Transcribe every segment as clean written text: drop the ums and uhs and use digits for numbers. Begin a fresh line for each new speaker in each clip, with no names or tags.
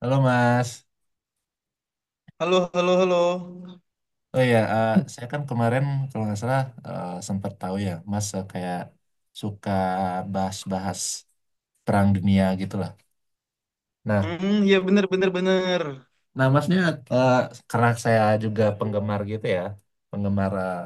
Halo Mas,
Halo, halo, halo.
oh ya, saya kan kemarin kalau nggak salah sempat tahu ya, Mas kayak suka bahas-bahas perang dunia gitulah. Nah,
Hmm, ya bener, bener, bener.
nah, Masnya eh, karena saya juga penggemar gitu ya, penggemar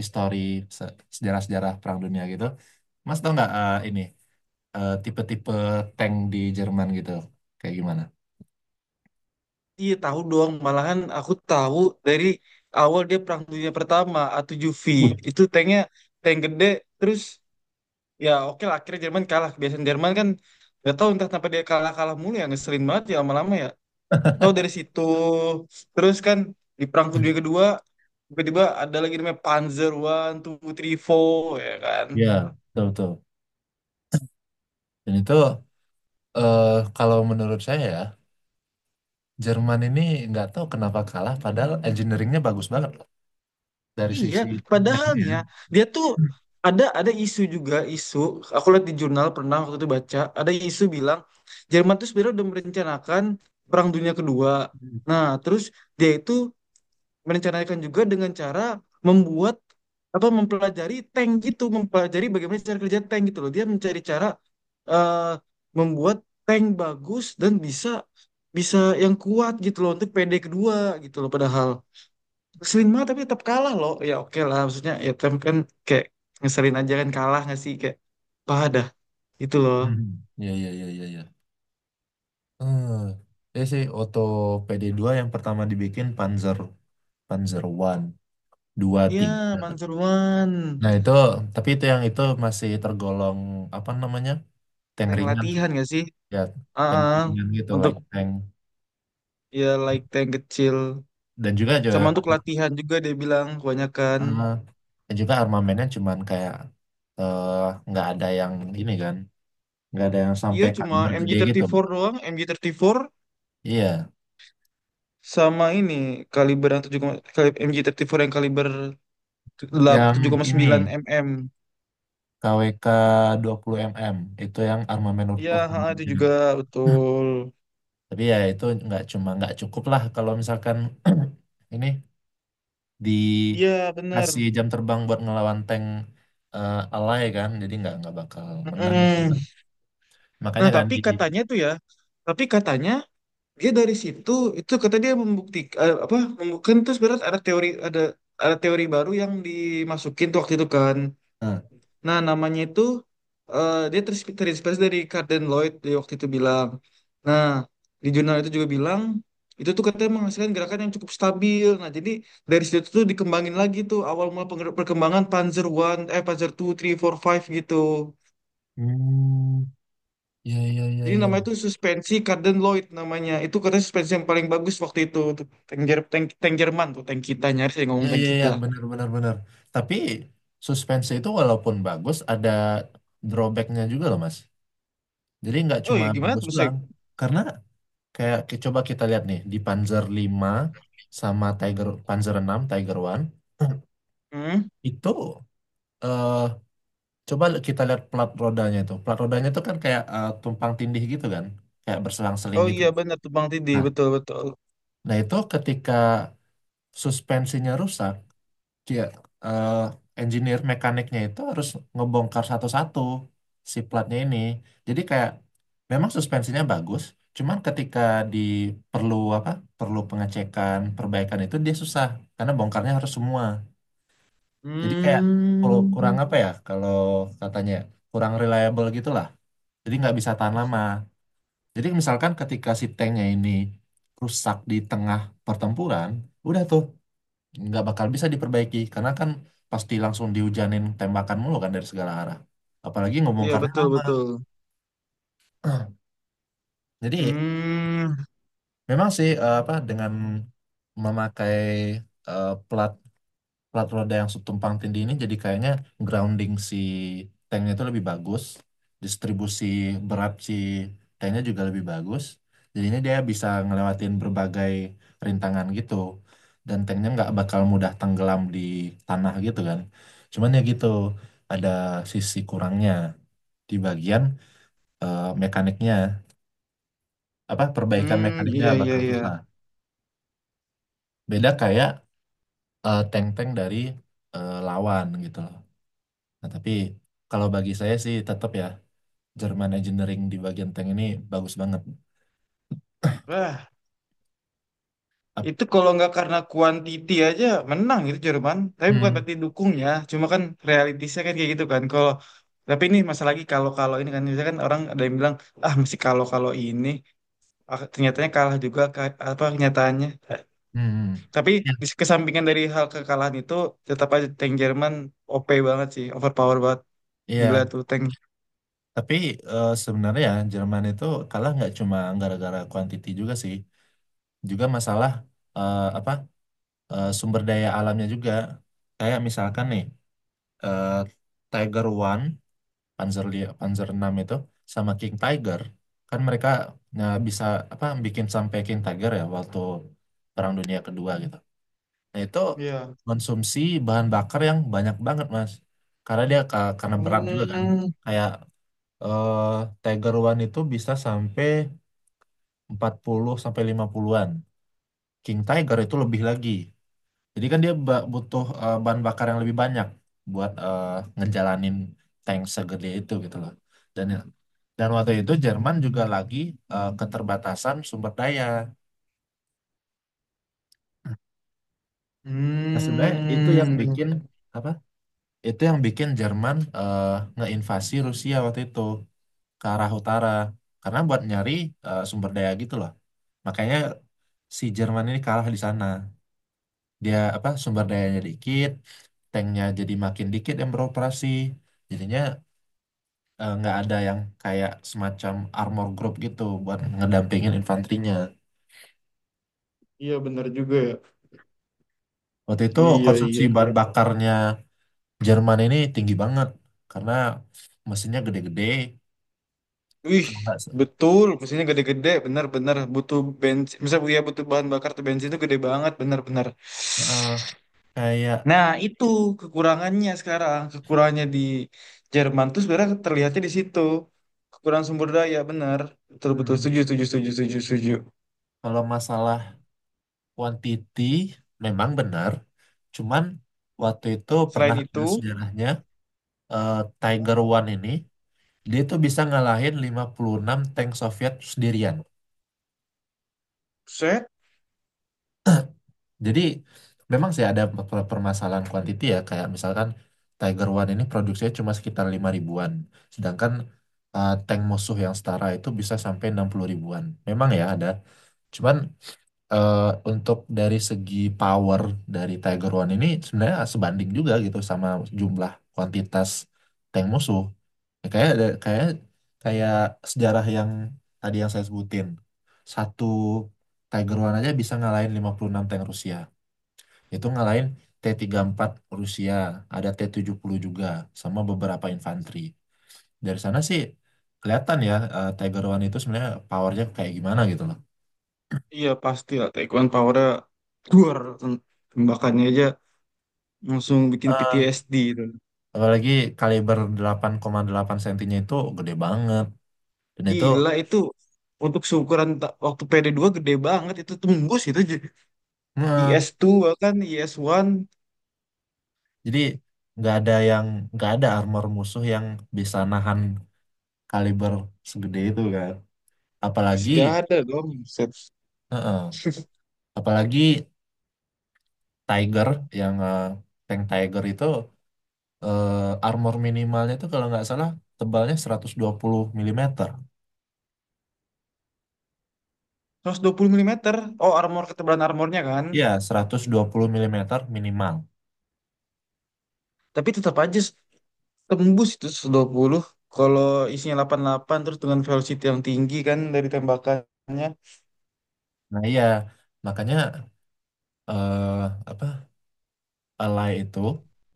histori sejarah-sejarah perang dunia gitu. Mas tahu nggak ini tipe-tipe tank di Jerman gitu, kayak gimana?
Iya tahu dong, malahan aku tahu dari awal dia Perang Dunia Pertama, A7V.
Wih.
Itu tanknya tank gede, terus ya oke lah akhirnya Jerman kalah. Kebiasaan Jerman kan gak tahu entah kenapa dia kalah-kalah mulu ya, ngeselin banget ya lama-lama ya. Tahu dari situ, terus kan di Perang Dunia Kedua, tiba-tiba ada lagi namanya Panzer One, Two, Three, Four, ya kan.
Ya, betul betul. Dan itu eh, kalau menurut saya ya, Jerman ini nggak tahu kenapa kalah, padahal engineeringnya bagus banget loh dari
Iya,
sisi teknik ya.
padahalnya dia tuh
Hmm.
ada isu juga isu. Aku lihat di jurnal pernah waktu itu baca ada isu bilang Jerman tuh sebenarnya udah merencanakan Perang Dunia Kedua. Nah, terus dia itu merencanakan juga dengan cara membuat apa mempelajari tank gitu, mempelajari bagaimana cara kerja tank gitu loh. Dia mencari cara eh, membuat tank bagus dan bisa bisa yang kuat gitu loh untuk PD kedua gitu loh padahal. Sering banget tapi tetap kalah loh. Ya oke lah maksudnya ya tapi kan kayak ngeselin aja kan kalah nggak sih kayak padah itu loh.
Hmm. Iya, iya, iya, iya, iya. Hmm. Ini sih Otto PD2 yang pertama dibikin Panzer Panzer One, dua,
Iya
tiga.
Panseruan
Nah itu, tapi itu yang itu masih tergolong apa namanya tank
tank
ringan sih,
latihan nggak sih?
ya tank
Ah,
ringan gitu,
untuk
like tank.
ya like tank kecil
Dan juga
sama
juga,
untuk latihan juga dia bilang kebanyakan.
eh, dan juga armamennya cuman kayak eh, nggak ada yang ini kan. Nggak ada yang
Iya
sampai
cuma
kaliber
mg
gede gitu.
empat doang mg empat
Iya,
sama ini kaliber yang 7, mg empat yang kaliber
yang
tujuh koma
ini
sembilan mm.
KWK puluh mm itu yang armamen
Iya ha,
utama.
itu juga betul.
Tapi ya itu nggak cuma nggak cukup lah kalau misalkan ini
Iya bener.
dikasih jam terbang buat ngelawan tank alay kan, jadi nggak bakal menang itu.
Mm. Nah,
Makanya kan
tapi
di.
katanya tuh ya, tapi katanya dia dari situ itu kata dia membuktikan apa membuktikan terus berat ada teori ada teori baru yang dimasukin tuh waktu itu kan.
Eh.
Nah, namanya itu dia terinspirasi dari Carden Lloyd dia waktu itu bilang. Nah, di jurnal itu juga bilang itu tuh katanya menghasilkan gerakan yang cukup stabil. Nah, jadi dari situ tuh dikembangin lagi tuh awal mula perkembangan Panzer One eh Panzer Two, Three, Four, Five gitu.
Hmm, ya ya ya
Jadi namanya
ya.
itu suspensi Carden Lloyd namanya. Itu katanya suspensi yang paling bagus waktu itu. Tuh, tank, tank Jerman tuh, tank kita. Nyaris saya
Ya
ngomong tank
ya ya,
kita.
benar benar benar. Tapi suspense itu walaupun bagus ada drawbacknya juga loh, Mas. Jadi nggak
Oh
cuma
iya gimana
bagus
tuh saya?
doang. Karena kayak coba kita lihat nih di Panzer lima sama Tiger, Panzer enam Tiger one,
Hmm?
itu eh coba kita lihat plat rodanya itu. Plat rodanya itu kan kayak tumpang tindih gitu kan, kayak berselang-seling
Oh
gitu.
iya benar tuh Bang Tidi
Nah,
betul betul.
nah, itu ketika suspensinya rusak, iya, eh, engineer mekaniknya itu harus ngebongkar satu-satu si platnya ini. Jadi kayak memang suspensinya bagus, cuman ketika di perlu apa? Perlu pengecekan, perbaikan itu dia susah karena bongkarnya harus semua. Jadi kayak kalau kurang
Hmm.
apa ya? Kalau katanya kurang reliable gitulah. Jadi nggak bisa tahan lama. Jadi misalkan ketika si tanknya ini rusak di tengah pertempuran, udah tuh nggak bakal bisa diperbaiki karena kan pasti langsung dihujanin tembakan mulu kan dari segala arah, apalagi
Iya
ngebongkarnya
betul
lama.
betul.
Jadi
Hmm.
memang sih, apa, dengan memakai plat plat roda yang subtumpang tindih ini jadi kayaknya grounding si tanknya itu lebih bagus, distribusi berat si tanknya juga lebih bagus, jadinya dia bisa ngelewatin berbagai rintangan gitu, dan tanknya nggak bakal mudah tenggelam di tanah gitu kan. Cuman ya gitu, ada sisi kurangnya di bagian mekaniknya, apa perbaikan
Hmm,
mekaniknya
iya iya
bakal
iya.
susah. Beda kayak tank-tank dari lawan gitu. Nah, tapi kalau bagi saya sih tetap ya, German Engineering di bagian tank ini bagus banget.
Wah,
Ap-
itu kalau nggak karena quantity aja menang itu Jerman. Tapi bukan
Hmm.
berarti dukungnya, cuma kan realitasnya kan kayak gitu kan. Kalau tapi ini masalah lagi kalau kalau ini kan misalkan orang ada yang bilang ah mesti kalau kalau ini, ah, ternyatanya kalah juga ka- apa kenyataannya.
Hmm.
Tapi
Ya.
di kesampingan dari hal kekalahan itu tetap aja tank Jerman OP banget sih, overpower banget. Gila
Iya,
tuh tank.
tapi sebenarnya ya Jerman itu kalah nggak cuma gara-gara quantity juga sih, juga masalah apa sumber daya alamnya juga. Kayak misalkan nih eh, Tiger One, Panzer Panzer enam itu sama King Tiger, kan mereka nah, bisa apa bikin sampai King Tiger ya waktu Perang Dunia Kedua gitu. Nah, itu
Iya.
konsumsi bahan bakar yang banyak banget, Mas. Karena dia karena berat juga kan.
Hmm.
Kayak eh, Tiger One itu bisa sampai 40 sampai 50-an. King Tiger itu lebih lagi. Jadi kan dia butuh bahan bakar yang lebih banyak buat ngejalanin tank segede itu gitu loh. Dan dan waktu itu Jerman juga lagi keterbatasan sumber daya. Nah, sebenarnya itu yang
Hmm.
bikin apa, itu yang bikin Jerman ngeinvasi Rusia waktu itu ke arah utara karena buat nyari sumber daya gitu loh. Makanya si Jerman ini kalah di sana, dia apa sumber dayanya dikit, tanknya jadi makin dikit yang beroperasi, jadinya nggak ada yang kayak semacam armor group gitu buat ngedampingin infanterinya.
Iya benar juga ya.
Waktu itu
Iya,
konsumsi
iya.
bahan bakarnya Jerman ini tinggi banget karena mesinnya gede-gede,
Wih,
kalau nggak
betul. Mesinnya gede-gede, benar-benar butuh bensin. Misalnya ya butuh bahan bakar tuh bensin itu gede banget, benar-benar.
eh, kayak.
Nah, itu kekurangannya sekarang. Kekurangannya di Jerman tuh sebenarnya terlihatnya di situ. Kekurangan sumber daya, benar. Betul-betul
Hmm,
setuju, setuju, setuju, setuju, setuju.
kalau masalah quantity memang benar, cuman waktu itu
Selain
pernah
itu,
ada sejarahnya, eh, Tiger One ini dia tuh bisa ngalahin 56 tank Soviet sendirian.
set,
Jadi memang sih ada permasalahan quantity ya, kayak misalkan Tiger One ini produksinya cuma sekitar 5 ribuan, sedangkan tank musuh yang setara itu bisa sampai 60 ribuan. Memang ya ada. Cuman eh, untuk dari segi power dari Tiger One ini sebenarnya sebanding juga gitu sama jumlah kuantitas tank musuh. Ya, kayak kayak kayak sejarah yang tadi yang saya sebutin. Satu Tiger One aja bisa ngalahin 56 tank Rusia. Itu ngalahin T-34 Rusia, ada T-70 juga sama beberapa infanteri. Dari sana sih kelihatan ya, Tiger One itu sebenarnya powernya kayak gimana gitu
iya pasti lah. Taekwondo powernya, duar, tembakannya aja langsung bikin
loh.
PTSD itu.
Apalagi kaliber 8,8 sentinya itu gede banget. Dan itu,
Gila itu untuk seukuran waktu PD dua gede banget itu tembus itu
nah,
IS2 bahkan IS1,
jadi nggak ada yang, nggak ada armor musuh yang bisa nahan kaliber segede itu kan. Apalagi,
Gak ada dong set.
heeh, apalagi Tiger yang tank Tiger itu eh, armor minimalnya itu kalau nggak salah tebalnya 120 mm.
120 mm, oh armor, ketebalan armornya kan
Iya, 120 mm minimal.
tapi tetap aja tembus itu 120 kalau isinya 88 terus dengan velocity yang tinggi kan dari tembakannya.
Nah iya, makanya eh, apa, Alay itu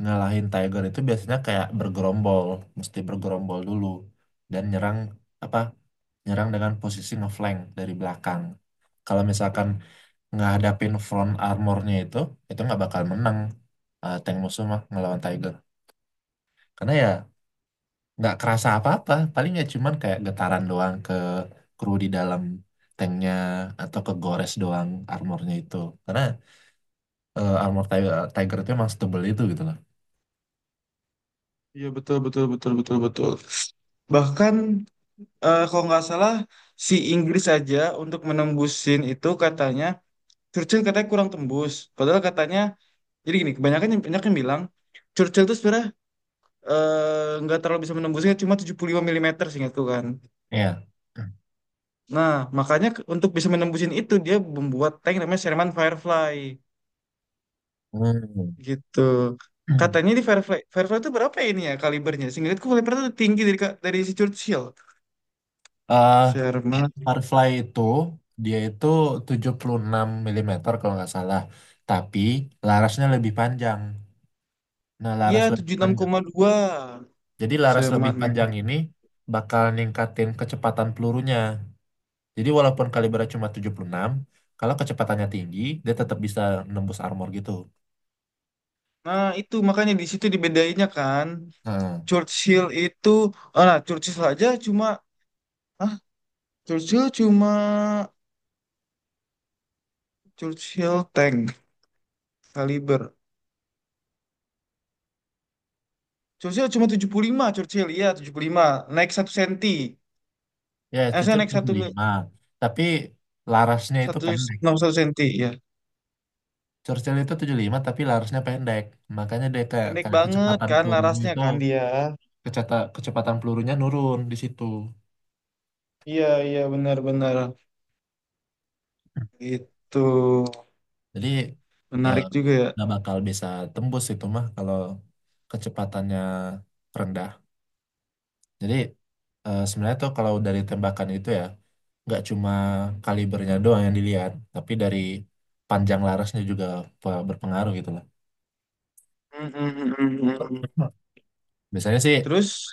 ngalahin Tiger itu biasanya kayak bergerombol, mesti bergerombol dulu dan nyerang apa? Nyerang dengan posisi ngeflank dari belakang. Kalau misalkan ngadapin front armornya itu nggak bakal menang, tank musuh mah ngelawan Tiger. Karena ya nggak kerasa apa-apa, paling ya cuman kayak getaran doang ke kru di dalam tanknya atau ke gores doang armornya itu. Karena armor Tiger, itu emang setebel itu gitu loh.
Iya betul betul betul betul betul bahkan kalau nggak salah si Inggris aja untuk menembusin itu katanya Churchill katanya kurang tembus. Padahal katanya, jadi gini, banyak yang bilang, Churchill itu sebenarnya nggak terlalu bisa menembusnya, cuma 75 mm seingatku kan.
Iya.
Nah, makanya untuk bisa menembusin itu, dia membuat tank namanya Sherman Firefly,
Hmm.
gitu. Katanya di Firefly itu berapa ya ini ya kalibernya? Seingatku Firefly itu tinggi dari, dari si Churchill.
Eh,
Sherman,
Firefly itu dia itu 76 mm kalau nggak salah. Tapi larasnya lebih panjang. Nah,
iya
laras lebih
tujuh puluh enam
panjang.
koma dua.
Jadi laras lebih
Sherman. Iya.
panjang ini bakal ningkatin kecepatan pelurunya. Jadi walaupun kalibernya cuma 76, kalau kecepatannya tinggi, dia tetap bisa nembus armor gitu.
Nah, itu makanya di situ dibedainnya kan.
Nah,
Churchill itu, ah, nah, Churchill aja cuma, ah, Churchill cuma Churchill tank kaliber. Churchill cuma 75 Churchill, iya 75 naik satu senti.
ya,
Eh, saya
cocok
naik
tujuh
satu
puluh lima. Tapi larasnya itu
satu
pendek.
61 senti, ya.
Churchill itu 75 tapi larasnya pendek. Makanya dia kayak,
Pendek banget
kecepatan
kan
pelurunya
larasnya
itu
kan dia.
kecepatan pelurunya nurun di situ.
Iya, iya benar-benar. Itu
Jadi eh,
menarik juga ya.
nggak bakal bisa tembus itu mah kalau kecepatannya rendah. Jadi sebenarnya tuh kalau dari tembakan itu ya nggak cuma kalibernya doang yang dilihat, tapi dari panjang larasnya juga berpengaruh gitu lah.
Mm, mm, mm, mm, mm.
Biasanya sih
Terus,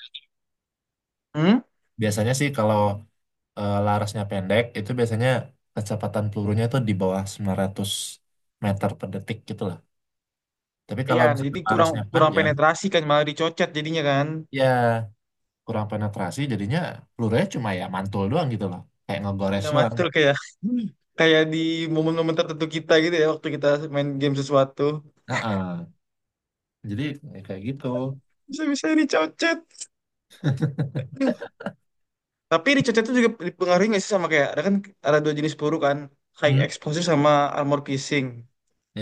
hmm?
biasanya sih kalau larasnya pendek itu biasanya kecepatan pelurunya tuh di bawah 900 meter per detik gitu lah. Tapi
Iya,
kalau misalnya
jadi kurang
larasnya
kurang
panjang,
penetrasi kan malah dicocet jadinya kan.
ya kurang penetrasi jadinya pelurunya cuma ya mantul doang gitu loh. Kayak ngegores
Iya mas
doang.
tuh kayak kayak di momen-momen tertentu kita gitu ya waktu kita main game sesuatu
Heeh. Jadi ya kayak gitu.
bisa-bisa ini cocet. Tapi di cocet itu juga dipengaruhi nggak sih sama kayak ada kan ada dua jenis peluru kan high
Hmm,
explosive sama armor piercing.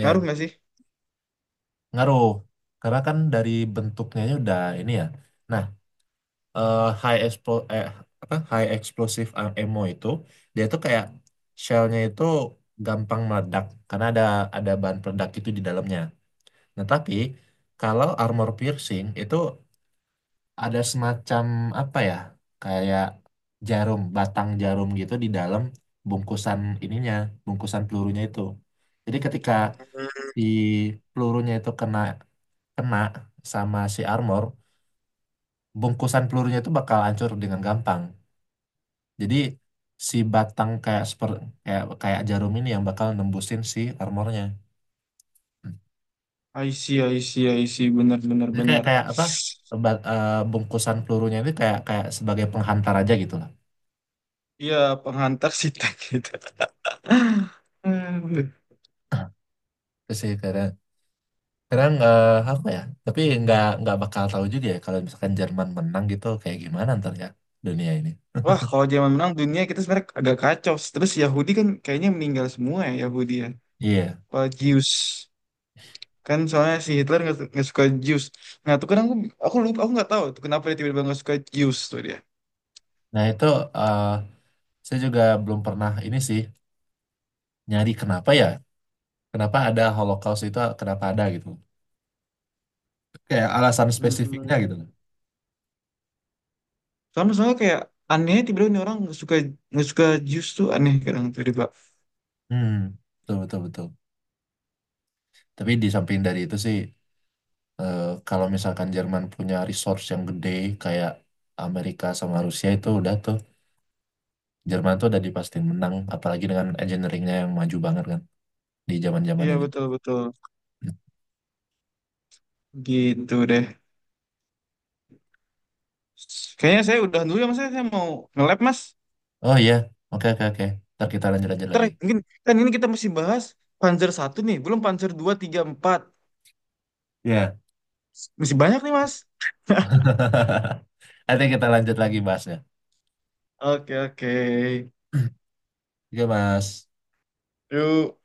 Ngaruh nggak sih?
ngaruh. Karena kan dari bentuknya aja udah ini ya. Nah, eh, high expo eh, apa high explosive ammo itu dia tuh kayak shellnya itu gampang meledak karena ada bahan peledak itu di dalamnya. Nah tapi kalau armor piercing itu ada semacam apa ya, kayak jarum batang jarum gitu di dalam bungkusan ininya bungkusan pelurunya itu. Jadi ketika di pelurunya itu kena kena sama si armor, bungkusan pelurunya itu bakal hancur dengan gampang. Jadi si batang kayak kayak kayak jarum ini yang bakal nembusin si armornya. Hmm.
I see, I see, I see. Benar, benar,
Jadi kayak
benar.
kayak apa? Bungkusan pelurunya ini kayak kayak sebagai penghantar aja gitu lah.
Iya, penghantar sih tank gitu. Hmm.
Terus sih kadang kadang apa ya? Tapi nggak bakal tahu juga ya kalau misalkan Jerman menang gitu kayak gimana ntar ya dunia ini.
Wah, kalau zaman menang dunia kita sebenarnya agak kacau. Terus Yahudi kan kayaknya meninggal semua ya Yahudi ya.
Iya.
Apa Zeus. Kan soalnya si Hitler nggak suka Jews. Nah tuh kadang aku lupa aku nggak tahu tuh kenapa dia tiba-tiba nggak suka Jews tuh dia.
Nah itu eh, saya juga belum pernah ini sih nyari kenapa ya? Kenapa ada Holocaust itu, kenapa ada gitu? Kayak alasan
Hmm,
spesifiknya gitu.
sama soalnya kayak aneh ya tiba-tiba ini orang nggak suka Jews tuh aneh kadang tiba-tiba.
Hmm, betul betul betul. Tapi di samping dari itu sih, eh, kalau misalkan Jerman punya resource yang gede kayak Amerika sama Rusia itu udah tuh, Jerman tuh udah dipastikan menang, apalagi dengan engineeringnya yang maju banget kan di zaman-zaman
Iya
itu.
betul betul gitu deh kayaknya saya udah dulu ya mas saya mau nge-lab mas.
Oh iya, oke oke oke. Ntar kita lanjut-lanjut
Ntar
lagi.
mungkin kan ini kita masih bahas Panzer satu nih belum Panzer dua tiga empat
Iya.
masih banyak nih mas.
Nanti kita lanjut lagi bahasnya.
Oke oke.
Oke Mas.
Yuk.